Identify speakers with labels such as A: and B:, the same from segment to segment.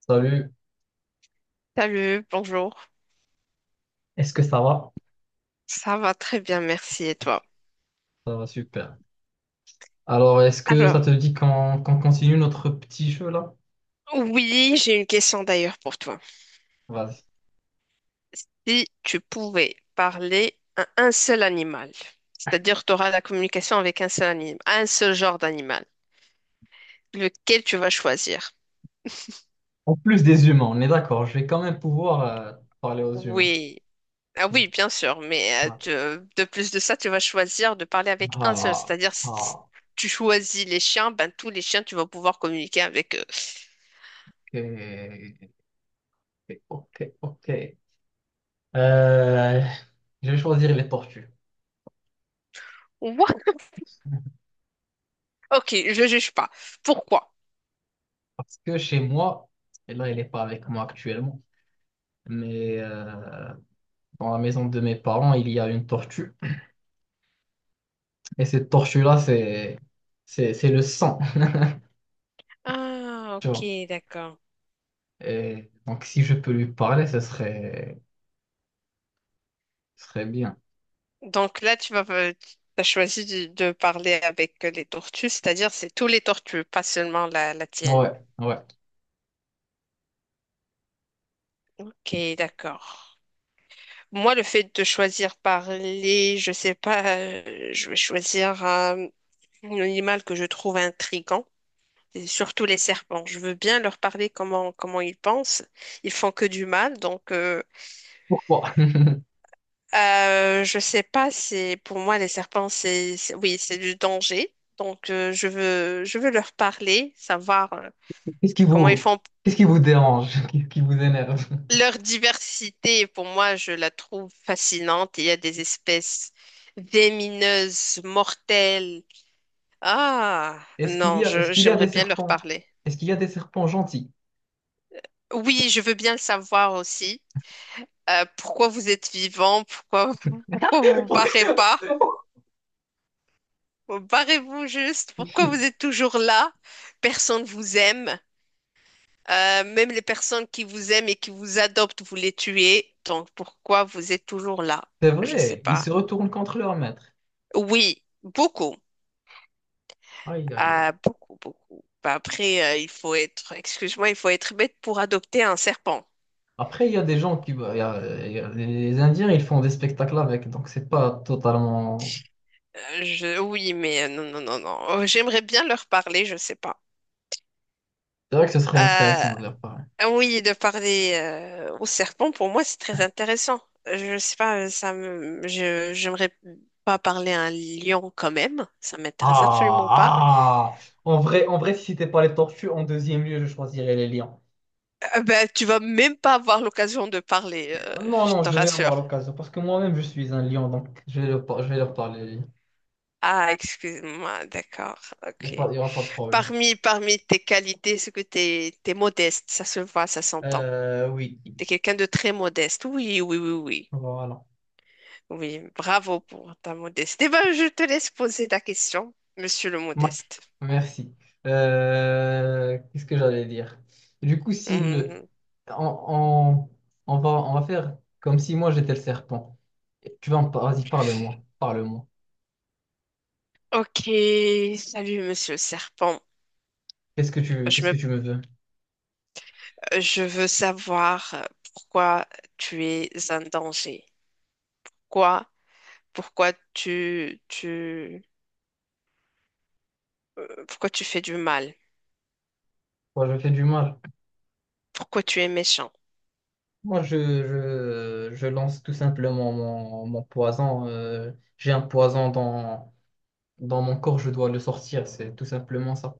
A: Salut,
B: Salut, bonjour.
A: est-ce que ça va?
B: Ça va très bien, merci. Et toi?
A: Ça va super. Alors, est-ce que ça
B: Alors,
A: te dit qu'on continue notre petit jeu là?
B: oui, j'ai une question d'ailleurs pour toi.
A: Vas-y.
B: Si tu pouvais parler à un seul animal, c'est-à-dire tu auras la communication avec un seul animal, un seul genre d'animal, lequel tu vas choisir?
A: En plus des humains, on est d'accord, je vais quand même pouvoir parler aux humains.
B: Oui. Ah oui, bien sûr, mais
A: Ok.
B: tu- de plus de ça, tu vas choisir de parler avec un seul,
A: Ah,
B: c'est-à-dire si
A: ah,
B: tu choisis les chiens, ben tous les chiens, tu vas pouvoir communiquer avec eux.
A: ok, ok, ok. Euh, je vais choisir les tortues.
B: What? Ok, je juge pas. Pourquoi?
A: Parce que chez moi, et là, elle n'est pas avec moi actuellement, mais dans la maison de mes parents, il y a une tortue. Et cette tortue-là, c'est le sang,
B: Ah,
A: tu vois.
B: ok, d'accord.
A: Et donc, si je peux lui parler, ce serait bien.
B: Donc là, tu vas, as choisi de parler avec les tortues, c'est-à-dire c'est tous les tortues, pas seulement la, la tienne.
A: Ouais, ouais.
B: Ok, d'accord. Moi, le fait de choisir parler, je sais pas, je vais choisir un animal que je trouve intriguant. Et surtout les serpents. Je veux bien leur parler comment, comment ils pensent. Ils font que du mal.
A: Pourquoi?
B: Je sais pas, c'est, pour moi, les serpents, c'est- oui, c'est du danger. Donc, je veux leur parler, savoir
A: Qu'est-ce qui
B: comment ils
A: vous,
B: font.
A: qu'est-ce qui vous dérange? Qu'est-ce qui vous énerve?
B: Leur diversité, pour moi, je la trouve fascinante. Il y a des espèces vénéneuses, mortelles. Ah, non,
A: Est-ce
B: je,
A: qu'il y a
B: j'aimerais
A: des
B: bien leur
A: serpents?
B: parler.
A: Est-ce qu'il y a des serpents gentils?
B: Oui, je veux bien le savoir aussi. Pourquoi vous êtes vivant? Pourquoi, pourquoi vous vous barrez pas? Barrez-vous juste. Pourquoi vous êtes toujours là? Personne vous aime. Même les personnes qui vous aiment et qui vous adoptent, vous les tuez. Donc pourquoi vous êtes toujours là?
A: C'est
B: Je sais
A: vrai, ils
B: pas.
A: se retournent contre leur maître.
B: Oui, beaucoup.
A: Aïe, aïe, aïe.
B: Ah, beaucoup, beaucoup. Bah, après, il faut être, excuse-moi, il faut être bête pour adopter un serpent.
A: Après, il y a des gens qui. Bah, il y a- les Indiens, ils font des spectacles avec, donc c'est pas totalement.
B: Je, oui, mais non, non, non, non. Oh, j'aimerais bien leur parler, je sais pas.
A: C'est vrai que ce serait
B: Euh,
A: intéressant de leur part.
B: Ah oui, de parler au serpent, pour moi, c'est très intéressant. Je sais pas, ça me, je, j'aimerais pas parler à un lion quand même. Ça m'intéresse absolument pas.
A: Ah, ah. En vrai, si c'était pas les tortues, en deuxième lieu, je choisirais les lions.
B: Ben, tu vas même pas avoir l'occasion de parler,
A: Ah, non,
B: je
A: non,
B: te
A: je vais
B: rassure.
A: avoir l'occasion parce que moi-même, je suis un lion, donc je vais leur, par- je vais leur parler. Les lions.
B: Ah, excuse-moi, d'accord, ok.
A: Il y aura pas de problème.
B: Parmi, parmi tes qualités, c'est que t'es, t'es modeste, ça se voit, ça s'entend.
A: Oui,
B: T'es quelqu'un de très modeste. Oui, oui, oui, oui.
A: voilà.
B: Oui, bravo pour ta modestie. Eh ben, je te laisse poser ta question, monsieur le
A: Mac,
B: modeste.
A: merci. Qu'est-ce que j'allais dire? Du coup, si le,
B: Hmm.
A: on, on- on va faire comme si moi j'étais le serpent. Tu vas, en par- vas-y, parle-moi, parle-moi.
B: Ok, salut Monsieur Serpent. Je
A: Qu'est-ce que
B: me,
A: tu me veux?
B: je veux savoir pourquoi tu es un danger. Quoi? Pourquoi tu, tu, pourquoi tu fais du mal?
A: Moi, je fais du mal.
B: Pourquoi tu es méchant?
A: Moi, je lance tout simplement mon, mon poison. J'ai un poison dans, dans mon corps, je dois le sortir, c'est tout simplement ça.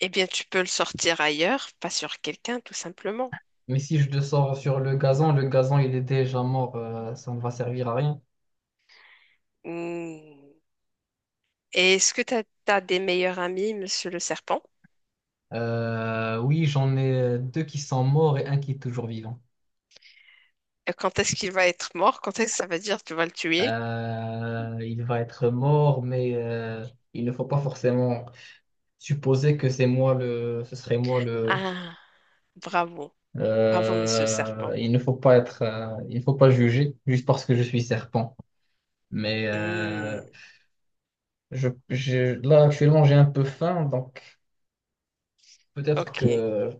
B: Eh bien, tu peux le sortir ailleurs, pas sur quelqu'un, tout simplement.
A: Mais si je le sors sur le gazon, il est déjà mort, ça ne va servir à rien.
B: Hmm. Et est-ce que tu as, des meilleurs amis, Monsieur le Serpent?
A: Oui, j'en ai deux qui sont morts et un qui est toujours vivant.
B: Et quand est-ce qu'il va être mort? Quand est-ce que ça veut dire que tu vas le tuer?
A: Il va être mort, mais il ne faut pas forcément supposer que c'est moi le, ce serait moi.
B: Ah, bravo, bravo Monsieur le Serpent.
A: Il ne faut pas être, il ne faut pas juger juste parce que je suis serpent. Mais
B: Hmm.
A: je- là actuellement j'ai un peu faim, donc peut-être
B: Ok.
A: que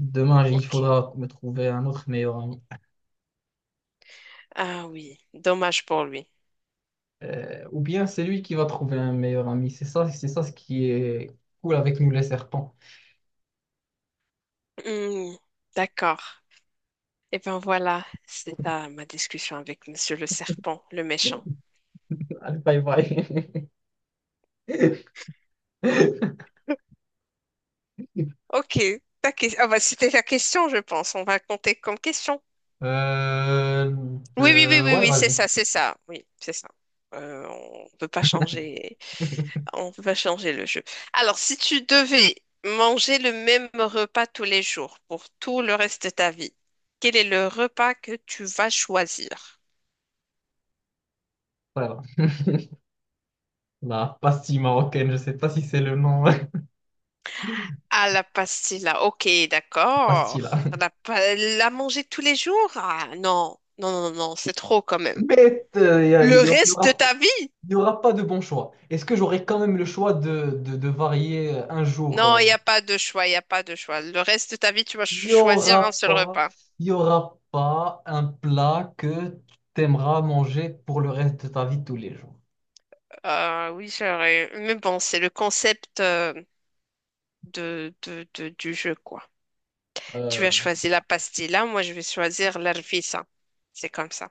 A: demain il
B: Ok.
A: faudra me trouver un autre meilleur ami.
B: Ah oui, dommage pour lui.
A: Ou bien c'est lui qui va trouver un meilleur ami. C'est ça ce qui est cool avec nous les serpents.
B: Hmm, d'accord. Et ben voilà, c'est là ma discussion avec Monsieur le Serpent, le méchant.
A: Allez, bye bye.
B: Ok, ta que- ah bah, c'était la question, je pense. On va compter comme question.
A: Euh,
B: Oui, oui, oui, oui,
A: ouais,
B: oui, c'est
A: vas-y.
B: ça, c'est ça. Oui, c'est ça. On peut pas changer, on peut pas changer le jeu. Alors, si tu devais manger le même repas tous les jours pour tout le reste de ta vie, quel est le repas que tu vas choisir?
A: Voilà. La pastille marocaine, je sais pas si c'est le nom.
B: Ah, la pastilla. Ok, d'accord.
A: Facile. Hein.
B: La, pa- la manger tous les jours? Ah, non. Non, non, non, non, c'est trop quand même.
A: Mais il y a-
B: Le
A: il y aura, il y
B: reste de
A: aura-
B: ta vie?
A: il y aura pas de bon choix. Est-ce que j'aurai quand même le choix de varier un jour?
B: Non,
A: Euh.
B: il n'y a pas de choix, il n'y a pas de choix. Le reste de ta vie, tu vas
A: Il
B: cho-
A: y
B: choisir un
A: aura
B: seul
A: pas,
B: repas.
A: il y aura pas un plat que tu aimeras manger pour le reste de ta vie tous les jours.
B: Oui, j'aurais. Mais bon, c'est le concept du jeu, quoi. Tu
A: Euh,
B: vas choisir la pastilla, moi je vais choisir l'arfisa. C'est comme ça.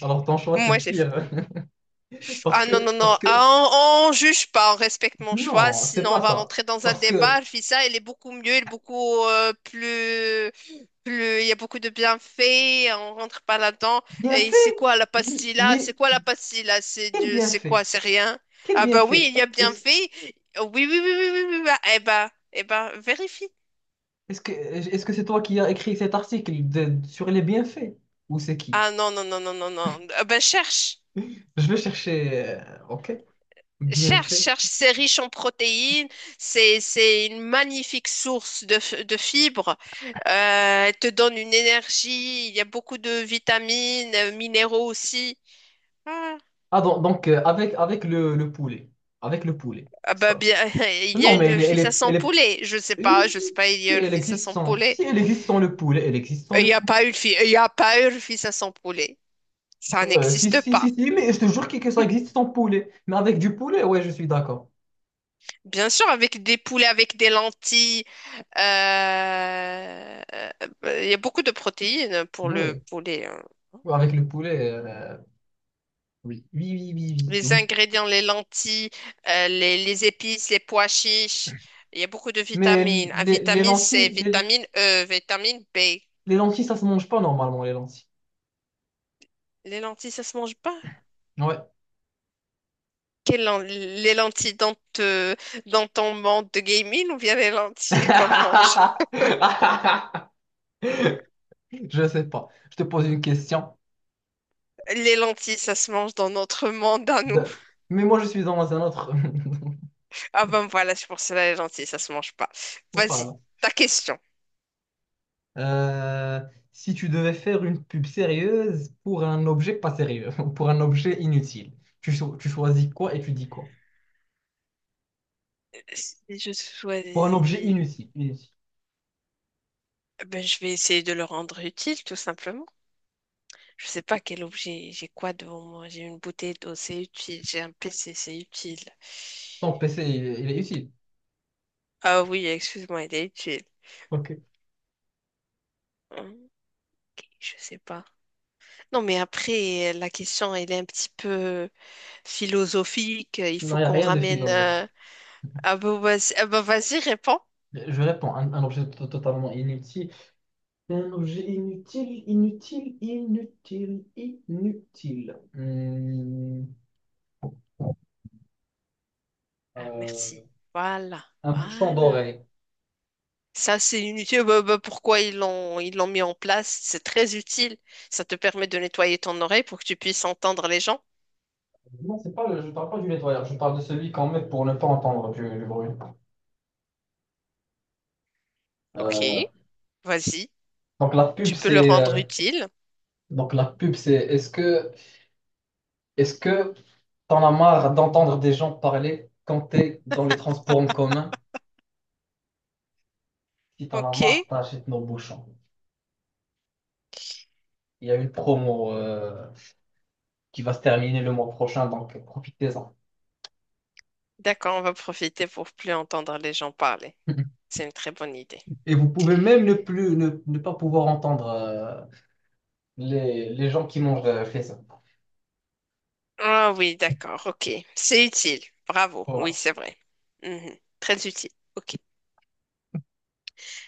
A: alors ton choix, c'est
B: Moi, j'ai
A: pire. Parce
B: ah non, non,
A: que,
B: non,
A: parce que,
B: ah, on juge pas, on respecte mon choix,
A: non, c'est
B: sinon
A: pas
B: on va
A: ça.
B: rentrer dans un
A: Parce que,
B: débat. Je vis elle est beaucoup mieux, elle est beaucoup plus, plus, il y a beaucoup de bienfaits, on rentre pas là-dedans.
A: bien
B: Et
A: fait,
B: c'est quoi la pastille
A: il
B: là? C'est
A: est,
B: quoi la pastille là? C'est
A: quel
B: du, c'est
A: bienfait?
B: quoi? C'est rien?
A: Quel
B: Ah bah oui,
A: bienfait?
B: il y a
A: est-ce
B: bienfait. Oui, oui, oui, oui, oui, oui, oui. Ah, eh bah, eh bah, vérifie.
A: Est-ce que c'est toi qui as écrit cet article de- sur les bienfaits? Ou c'est qui?
B: Ah non, non, non, non, non, non. Ah bah cherche.
A: Je vais chercher. Ok.
B: Cherche,
A: Bienfaits.
B: cherche, c'est riche en protéines, c'est une magnifique source de, f- de fibres, elle te donne une énergie, il y a beaucoup de vitamines, minéraux aussi. Ah,
A: Ah donc, avec avec le poulet. Avec le poulet.
B: ah bah
A: Ça.
B: bien, il y a
A: Non mais elle
B: une
A: est, elle
B: fissa
A: est,
B: sans
A: elle est-
B: poulet,
A: oui,
B: je
A: si,
B: sais pas, il y
A: si
B: a une
A: elle
B: fissa
A: existe
B: sans
A: sans. Si
B: poulet.
A: elle existe sans le poulet, elle existe sans
B: Il
A: le
B: y a
A: poulet.
B: pas une fi- il y a pas une fissa sans poulet, ça
A: Si,
B: n'existe
A: si,
B: pas.
A: si, si, mais je te jure que ça existe sans poulet. Mais avec du poulet, ouais, je suis d'accord.
B: Bien sûr, avec des poulets, avec des lentilles, euh, euh, il y a beaucoup de protéines pour le
A: Oui.
B: poulet, hein.
A: Avec le poulet, oui. Oui, oui, oui, oui,
B: Les
A: oui.
B: ingrédients, les lentilles, les épices, les pois chiches. Il y a beaucoup de
A: Mais
B: vitamines. Ah,
A: les
B: vitamine C,
A: lentilles, les,
B: vitamine E, vitamine B.
A: Les lentilles, ça se mange pas normalement, les lentilles.
B: Les lentilles, ça se mange pas?
A: Ouais.
B: Quelles len- les lentilles dans, te- dans ton monde de gaming ou bien les lentilles qu'on mange?
A: Je sais pas. Je te pose une question.
B: Les lentilles, ça se mange dans notre monde à nous.
A: De- mais moi, je suis dans un autre.
B: Ah ben voilà, c'est pour cela les lentilles, ça se mange pas. Vas-y,
A: Voilà.
B: ta question.
A: Euh, Si tu devais faire une pub sérieuse pour un objet pas sérieux, pour un objet inutile, tu, cho- tu choisis quoi et tu dis quoi?
B: Si je
A: Pour un objet
B: choisis,
A: inutile, inutile.
B: ben je vais essayer de le rendre utile, tout simplement. Je sais pas quel objet, j'ai quoi devant moi? J'ai une bouteille d'eau, c'est utile. J'ai un PC, c'est utile.
A: Ton PC, est il est utile.
B: Ah oui, excuse-moi, il est utile.
A: Ok.
B: Ok, je sais pas. Non, mais après, la question, elle est un petit peu philosophique. Il
A: Non,
B: faut
A: il n'y a
B: qu'on
A: rien de
B: ramène.
A: philosophe.
B: Ah bah vas-y, réponds.
A: Je réponds, un objet to- totalement inutile. Un objet inutile, inutile, inutile, inutile.
B: Ah, merci.
A: Euh,
B: Voilà,
A: un bouchon
B: voilà.
A: d'oreille.
B: Ça, c'est une utile. Bah, pourquoi ils l'ont mis en place? C'est très utile. Ça te permet de nettoyer ton oreille pour que tu puisses entendre les gens.
A: Non, c'est pas le, je ne parle pas du nettoyeur, je parle de celui qu'on met pour ne pas entendre du bruit.
B: Ok,
A: Euh,
B: vas-y.
A: donc la pub,
B: Tu peux le
A: c'est
B: rendre utile.
A: donc la pub, c'est est-ce que t'en as marre d'entendre des gens parler quand t'es dans les transports en commun? Si t'en as
B: Ok,
A: marre, t'achètes nos bouchons. Il y a une promo qui va se terminer le mois prochain, donc profitez-en.
B: d'accord, on va profiter pour plus entendre les gens parler. C'est une très bonne idée.
A: Et vous pouvez même ne plus ne, ne pas pouvoir entendre les gens qui mangent chez ça.
B: Ah oui, d'accord, ok. C'est utile. Bravo. Oui,
A: Voilà.
B: c'est vrai. Mhm. Très utile. Ok.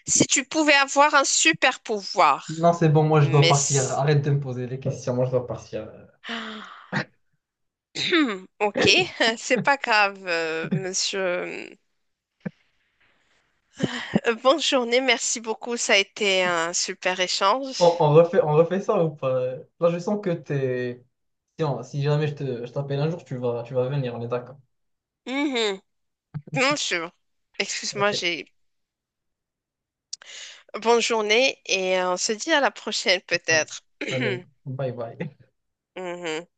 B: Si tu pouvais avoir un super pouvoir,
A: Non, c'est bon, moi je dois
B: mais...
A: partir.
B: c-
A: Arrête de me poser les questions, moi je dois partir.
B: ah. Ok, c'est pas grave, monsieur. Bonne journée, merci beaucoup. Ça a été un super échange.
A: On refait ça ou pas? Là, je sens que t'es. Tiens si jamais je te, je t'appelle un jour, tu vas venir, on est d'accord.
B: Mhm. Bien sûr. Excuse-moi,
A: Ok.
B: j'ai... bonne journée et on se dit à la prochaine peut-être.
A: Allez, bye bye.
B: Mhm.